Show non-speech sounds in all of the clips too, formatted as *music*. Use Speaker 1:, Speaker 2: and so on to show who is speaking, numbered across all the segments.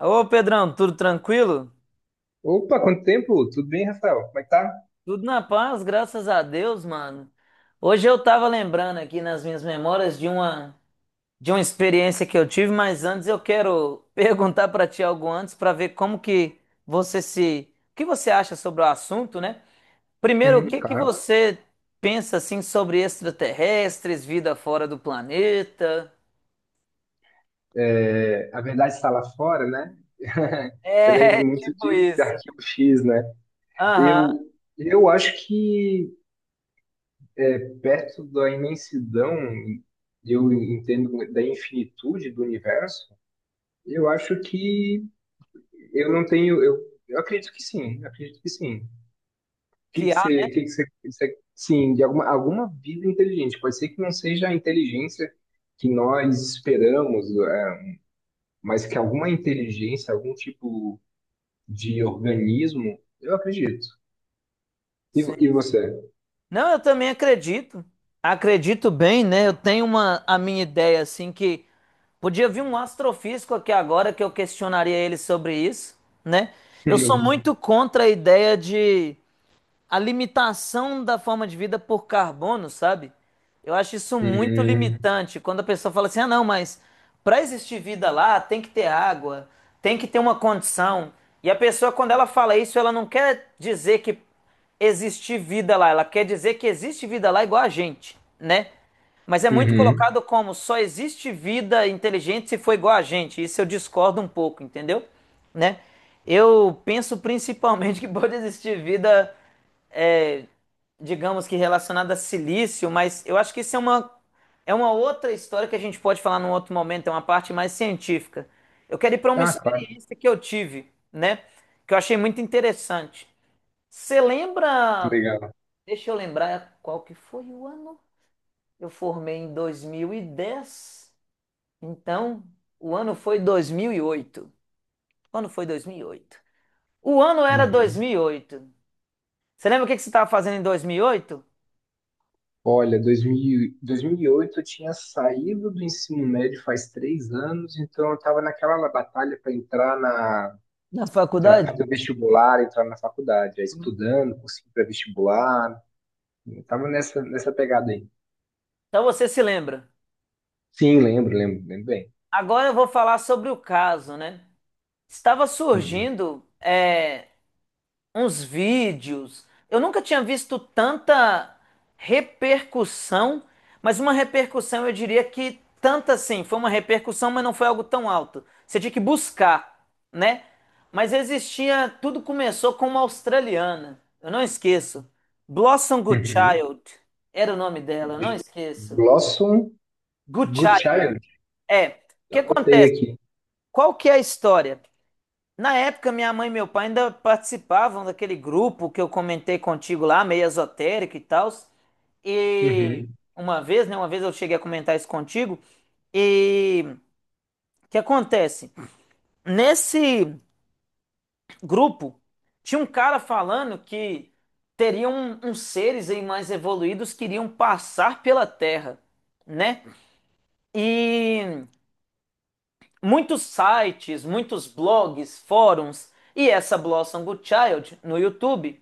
Speaker 1: Ô, Pedrão, tudo tranquilo?
Speaker 2: Opa, quanto tempo? Tudo bem, Rafael? Como é que tá?
Speaker 1: Tudo na paz, graças a Deus, mano. Hoje eu tava lembrando aqui nas minhas memórias de uma experiência que eu tive, mas antes eu quero *laughs* perguntar pra ti algo antes pra ver como que você se, o que você acha sobre o assunto, né? Primeiro, o
Speaker 2: Uhum,
Speaker 1: que que
Speaker 2: claro.
Speaker 1: você pensa assim sobre extraterrestres, vida fora do planeta?
Speaker 2: É, a verdade está lá fora, né? *laughs* Eu lembro
Speaker 1: É, *laughs*
Speaker 2: muito
Speaker 1: tipo
Speaker 2: de
Speaker 1: isso.
Speaker 2: Arquivo X, né?
Speaker 1: Aham,
Speaker 2: Eu, eu acho que perto da imensidão, eu entendo da infinitude do universo, eu acho que eu não tenho. Eu acredito que sim, eu acredito que sim. O que
Speaker 1: que
Speaker 2: que
Speaker 1: há,
Speaker 2: você, o que que você, sim, de alguma vida inteligente. Pode ser que não seja a inteligência que nós esperamos, é, mas que alguma inteligência, algum tipo de organismo, eu acredito. E,
Speaker 1: né?
Speaker 2: e você?
Speaker 1: Não, eu também acredito. Acredito bem, né? Eu tenho uma a minha ideia assim que podia vir um astrofísico aqui agora que eu questionaria ele sobre isso, né? Eu sou
Speaker 2: Uhum.
Speaker 1: muito contra a ideia de a limitação da forma de vida por carbono, sabe? Eu acho isso muito
Speaker 2: Uhum.
Speaker 1: limitante. Quando a pessoa fala assim, ah, não, mas para existir vida lá tem que ter água, tem que ter uma condição. E a pessoa, quando ela fala isso, ela não quer dizer que existe vida lá, ela quer dizer que existe vida lá igual a gente, né? Mas é muito
Speaker 2: Uhum.
Speaker 1: colocado como só existe vida inteligente se for igual a gente. Isso eu discordo um pouco, entendeu? Né? Eu penso principalmente que pode existir vida é, digamos que relacionada a silício, mas eu acho que isso é uma outra história que a gente pode falar num outro momento, é uma parte mais científica. Eu quero ir para uma
Speaker 2: Ah, claro.
Speaker 1: experiência que eu tive, né? Que eu achei muito interessante. Você lembra?
Speaker 2: Legal.
Speaker 1: Deixa eu lembrar qual que foi o ano. Eu formei em 2010, então o ano foi 2008. Quando foi 2008? O ano era
Speaker 2: Uhum.
Speaker 1: 2008. Você lembra o que que você estava fazendo em 2008?
Speaker 2: Olha, 2000, 2008 eu tinha saído do ensino médio faz três anos, então eu estava naquela batalha para entrar na,
Speaker 1: Na
Speaker 2: fazer o
Speaker 1: faculdade?
Speaker 2: vestibular, entrar na faculdade, aí estudando, conseguir para vestibular, estava nessa pegada aí.
Speaker 1: Então você se lembra.
Speaker 2: Sim, lembro, lembro, lembro bem.
Speaker 1: Agora eu vou falar sobre o caso, né? Estava
Speaker 2: Uhum.
Speaker 1: surgindo uns vídeos. Eu nunca tinha visto tanta repercussão, mas uma repercussão eu diria que tanta assim, foi uma repercussão, mas não foi algo tão alto. Você tinha que buscar, né? Mas existia, tudo começou com uma australiana. Eu não esqueço. Blossom
Speaker 2: Uhum.
Speaker 1: Goodchild era o nome dela, eu não esqueço.
Speaker 2: Blossom
Speaker 1: Goodchild,
Speaker 2: Goodchild.
Speaker 1: é. O que
Speaker 2: Anotei
Speaker 1: acontece?
Speaker 2: aqui.
Speaker 1: Qual que é a história? Na época, minha mãe e meu pai ainda participavam daquele grupo que eu comentei contigo lá, meio esotérico e tal. E
Speaker 2: Uhum.
Speaker 1: uma vez, né? Uma vez eu cheguei a comentar isso contigo. E o que acontece? Nesse grupo, tinha um cara falando que teriam uns seres aí mais evoluídos que iriam passar pela Terra, né? E muitos sites, muitos blogs, fóruns e essa Blossom Goodchild no YouTube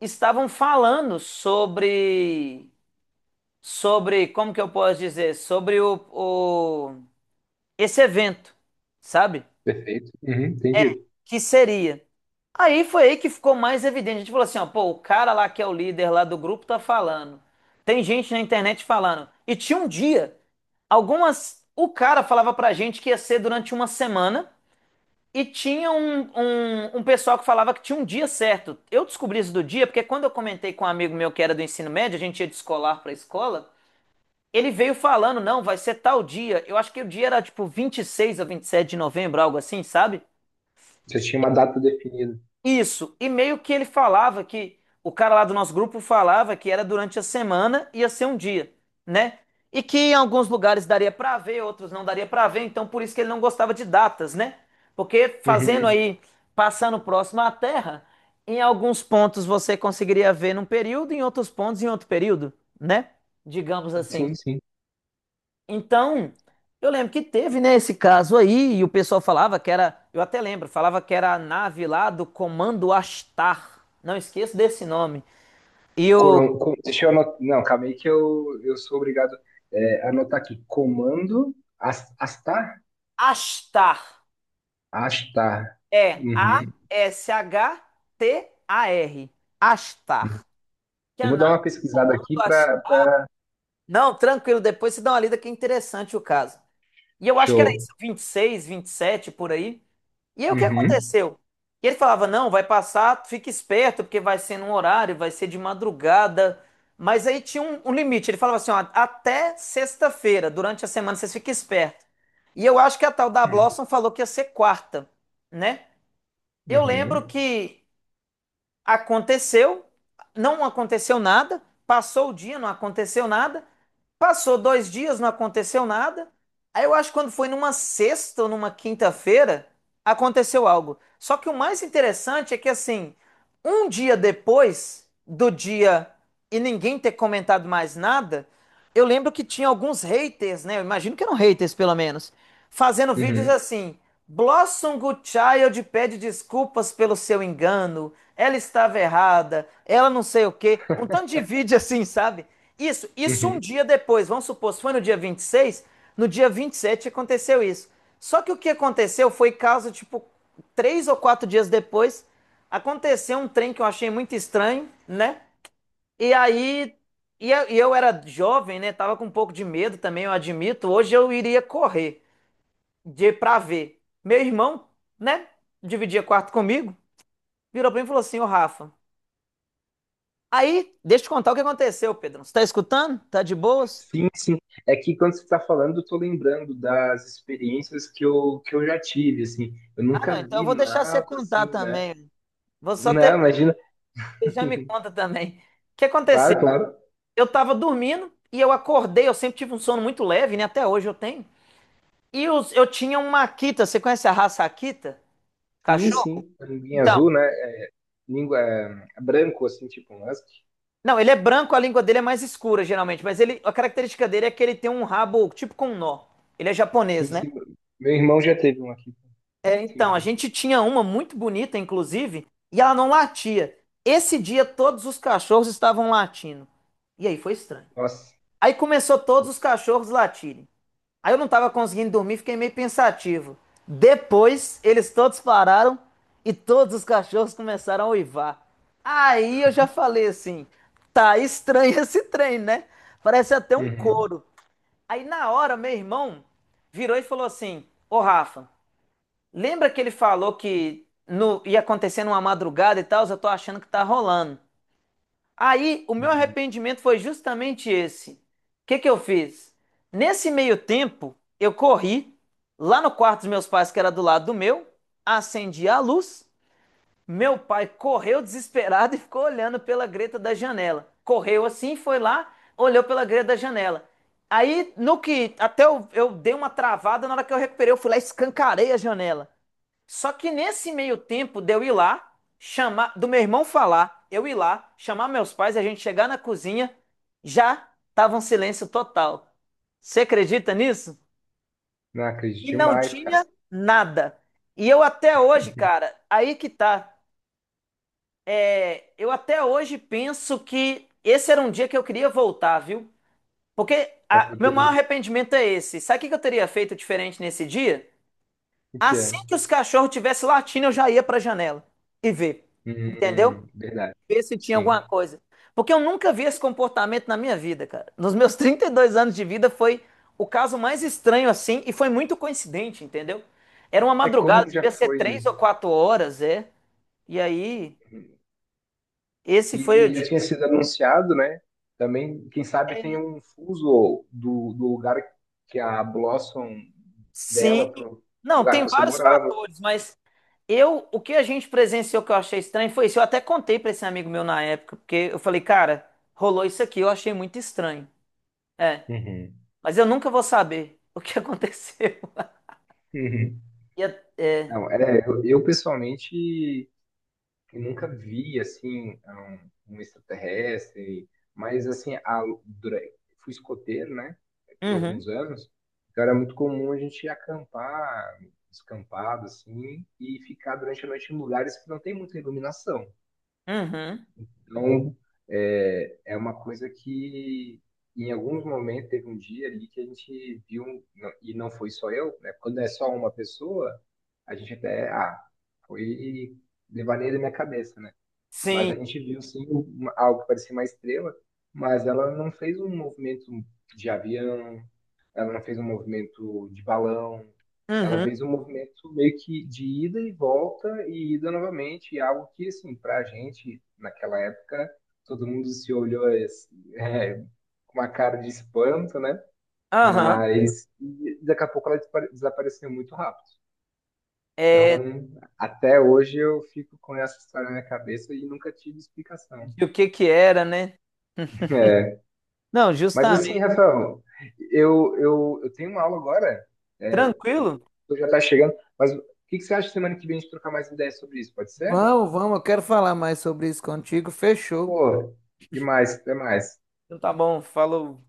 Speaker 1: estavam falando sobre como que eu posso dizer, sobre o esse evento, sabe?
Speaker 2: Perfeito. Uhum, entendido.
Speaker 1: Que seria. Aí foi aí que ficou mais evidente. A gente falou assim, ó, pô, o cara lá que é o líder lá do grupo tá falando. Tem gente na internet falando. E tinha um dia, algumas o cara falava pra gente que ia ser durante uma semana. E tinha um pessoal que falava que tinha um dia certo. Eu descobri isso do dia, porque quando eu comentei com um amigo meu que era do ensino médio, a gente ia de escolar para a escola, ele veio falando, não, vai ser tal dia. Eu acho que o dia era tipo 26 ou 27 de novembro, algo assim, sabe?
Speaker 2: Você tinha uma data definida.
Speaker 1: Isso, e meio que ele falava que o cara lá do nosso grupo falava que era durante a semana, ia ser um dia, né? E que em alguns lugares daria pra ver, outros não daria pra ver, então por isso que ele não gostava de datas, né? Porque fazendo
Speaker 2: Uhum.
Speaker 1: aí, passando próximo à Terra, em alguns pontos você conseguiria ver num período, em outros pontos em outro período, né? Digamos assim.
Speaker 2: Sim, sim.
Speaker 1: Então, eu lembro que teve, né, esse caso aí, e o pessoal falava que era, eu até lembro, falava que era a nave lá do Comando Astar. Não esqueço desse nome. E o
Speaker 2: Deixa eu anotar. Não, calma aí que eu sou obrigado a anotar aqui. Comando Astar?
Speaker 1: Astar
Speaker 2: Astar.
Speaker 1: é
Speaker 2: Uhum.
Speaker 1: A-S-H-T-A-R.
Speaker 2: Uhum.
Speaker 1: Astar. Que é
Speaker 2: Eu
Speaker 1: a
Speaker 2: vou dar
Speaker 1: nave
Speaker 2: uma
Speaker 1: do
Speaker 2: pesquisada
Speaker 1: Comando
Speaker 2: aqui para.
Speaker 1: Astar.
Speaker 2: Pra...
Speaker 1: Não, tranquilo, depois você dá uma lida que é interessante o caso. E eu acho que era
Speaker 2: Show.
Speaker 1: isso, vinte e seis vinte e sete por aí. E aí o que
Speaker 2: Uhum.
Speaker 1: aconteceu? E ele falava: não, vai passar, fica esperto, porque vai ser num horário, vai ser de madrugada. Mas aí tinha um limite. Ele falava assim: ó, até sexta-feira, durante a semana, vocês fiquem espertos. E eu acho que a tal da
Speaker 2: Uhum.
Speaker 1: Blossom falou que ia ser quarta, né? Eu lembro
Speaker 2: Uhum.
Speaker 1: que aconteceu, não aconteceu nada, passou o dia, não aconteceu nada. Passou dois dias, não aconteceu nada. Aí eu acho que quando foi numa sexta ou numa quinta-feira, aconteceu algo. Só que o mais interessante é que, assim, um dia depois do dia e ninguém ter comentado mais nada, eu lembro que tinha alguns haters, né? Eu imagino que eram haters, pelo menos, fazendo vídeos assim. Blossom Good Child pede desculpas pelo seu engano. Ela estava errada. Ela não sei o quê. Um tanto de vídeo assim, sabe? Isso um
Speaker 2: Uhum.
Speaker 1: dia depois, vamos supor, se foi no dia 26, no dia 27 aconteceu isso. Só que o que aconteceu foi caso, tipo, três ou quatro dias depois, aconteceu um trem que eu achei muito estranho, né? E aí, e eu era jovem, né? Tava com um pouco de medo também, eu admito. Hoje eu iria correr de pra ver. Meu irmão, né? Dividia quarto comigo, virou pra mim e falou assim: Ô Rafa, aí, deixa eu te contar o que aconteceu, Pedro. Você tá escutando? Tá de boas?
Speaker 2: Sim, sim. É que quando você está falando, eu tô lembrando das experiências que eu já tive, assim. Eu
Speaker 1: Ah,
Speaker 2: nunca
Speaker 1: não, então eu
Speaker 2: vi
Speaker 1: vou deixar você
Speaker 2: nada,
Speaker 1: contar
Speaker 2: assim, né?
Speaker 1: também. Vou só ter...
Speaker 2: Não, imagina.
Speaker 1: você já me
Speaker 2: *laughs*
Speaker 1: conta também. O que aconteceu?
Speaker 2: Claro, claro.
Speaker 1: Eu tava dormindo e eu acordei, eu sempre tive um sono muito leve, né? Até hoje eu tenho. E eu tinha um Akita, você conhece a raça Akita?
Speaker 2: Sim,
Speaker 1: Cachorro?
Speaker 2: sim. A Linguinha
Speaker 1: Então,
Speaker 2: azul, né? Língua é, branco, assim, tipo um husky.
Speaker 1: não, ele é branco, a língua dele é mais escura geralmente, mas ele, a característica dele é que ele tem um rabo tipo com um nó. Ele é japonês,
Speaker 2: Sim,
Speaker 1: né?
Speaker 2: sim. Meu irmão já teve um aqui. Sim,
Speaker 1: Então, a
Speaker 2: sim.
Speaker 1: gente tinha uma muito bonita, inclusive, e ela não latia. Esse dia todos os cachorros estavam latindo. E aí foi estranho.
Speaker 2: Nossa.
Speaker 1: Aí começou todos os cachorros latirem. Aí eu não estava conseguindo dormir, fiquei meio pensativo. Depois, eles todos pararam e todos os cachorros começaram a uivar. Aí eu já falei assim: tá estranho *laughs* esse trem, né? Parece até um
Speaker 2: Uhum.
Speaker 1: coro. Aí na hora, meu irmão virou e falou assim: Ô Rafa, lembra que ele falou que ia acontecer numa madrugada e tal? Eu tô achando que tá rolando. Aí o meu
Speaker 2: Uhum.
Speaker 1: arrependimento foi justamente esse. O que que eu fiz? Nesse meio tempo, eu corri lá no quarto dos meus pais, que era do lado do meu, acendi a luz. Meu pai correu desesperado *laughs* e ficou olhando pela greta da janela. Correu assim, foi lá, olhou pela greta da janela. Aí, no que eu dei uma travada, na hora que eu recuperei, eu fui lá e escancarei a janela. Só que nesse meio tempo de eu ir lá, chamar, do meu irmão falar, eu ir lá, chamar meus pais e a gente chegar na cozinha, já tava um silêncio total. Você acredita nisso?
Speaker 2: Não acredito
Speaker 1: E não
Speaker 2: demais,
Speaker 1: tinha
Speaker 2: cara.
Speaker 1: nada. E eu até hoje, cara, aí que tá. É, eu até hoje penso que esse era um dia que eu queria voltar, viu? Porque
Speaker 2: Pra
Speaker 1: meu maior
Speaker 2: poder...
Speaker 1: arrependimento é esse. Sabe o que que eu teria feito diferente nesse dia?
Speaker 2: O que
Speaker 1: Assim
Speaker 2: é?
Speaker 1: que os cachorros tivessem latindo, eu já ia para a janela e ver. Entendeu?
Speaker 2: Uhum. Verdade.
Speaker 1: Ver se tinha
Speaker 2: Sim.
Speaker 1: alguma coisa. Porque eu nunca vi esse comportamento na minha vida, cara. Nos meus *laughs* 32 anos de vida foi o caso mais estranho assim e foi muito coincidente, entendeu? Era uma
Speaker 2: É
Speaker 1: madrugada,
Speaker 2: como já
Speaker 1: devia ser
Speaker 2: foi.
Speaker 1: três ou quatro horas, é. E aí, esse foi o
Speaker 2: E
Speaker 1: dia.
Speaker 2: já tinha sido anunciado, né? Também, quem sabe tem
Speaker 1: É,
Speaker 2: um fuso do lugar que a Blossom
Speaker 1: sim.
Speaker 2: dela pro
Speaker 1: Não,
Speaker 2: lugar
Speaker 1: tem
Speaker 2: que você
Speaker 1: vários
Speaker 2: morava.
Speaker 1: fatores, mas eu, o que a gente presenciou que eu achei estranho foi isso. Eu até contei pra esse amigo meu na época, porque eu falei, cara, rolou isso aqui, eu achei muito estranho. É,
Speaker 2: Uhum.
Speaker 1: mas eu nunca vou saber o que *laughs* aconteceu.
Speaker 2: Uhum.
Speaker 1: E é, é,
Speaker 2: Não, é, eu pessoalmente nunca vi, assim, um extraterrestre, mas, assim, a, fui escoteiro, né, por alguns
Speaker 1: uhum,
Speaker 2: anos, então era muito comum a gente acampar, descampado, assim, e ficar durante a noite em lugares que não tem muita iluminação.
Speaker 1: uhum,
Speaker 2: Então, é, é uma coisa que em alguns momentos teve um dia ali que a gente viu, e não foi só eu, né? Quando é só uma pessoa, a gente até, ah, foi devaneio da minha cabeça, né? Mas a
Speaker 1: sim,
Speaker 2: gente viu sim algo que parecia uma estrela, mas ela não fez um movimento de avião, ela não fez um movimento de balão, ela
Speaker 1: uhum,
Speaker 2: fez um movimento meio que de ida e volta e ida novamente, e algo que, assim, pra gente, naquela época, todo mundo se olhou assim, é, com uma cara de espanto, né?
Speaker 1: aham,
Speaker 2: Mas e daqui a pouco ela desapareceu muito rápido. Então,
Speaker 1: é,
Speaker 2: até hoje eu fico com essa história na minha cabeça e nunca tive explicação.
Speaker 1: de o que que era, né?
Speaker 2: É.
Speaker 1: Não,
Speaker 2: Mas assim,
Speaker 1: justamente.
Speaker 2: Rafael, eu tenho uma aula agora, é,
Speaker 1: Tranquilo?
Speaker 2: eu já tá chegando, mas o que que você acha semana que vem a gente trocar mais ideias sobre isso? Pode ser?
Speaker 1: Vamos, vamos, eu quero falar mais sobre isso contigo. Fechou.
Speaker 2: Pô, demais, até mais.
Speaker 1: Então tá bom, falou.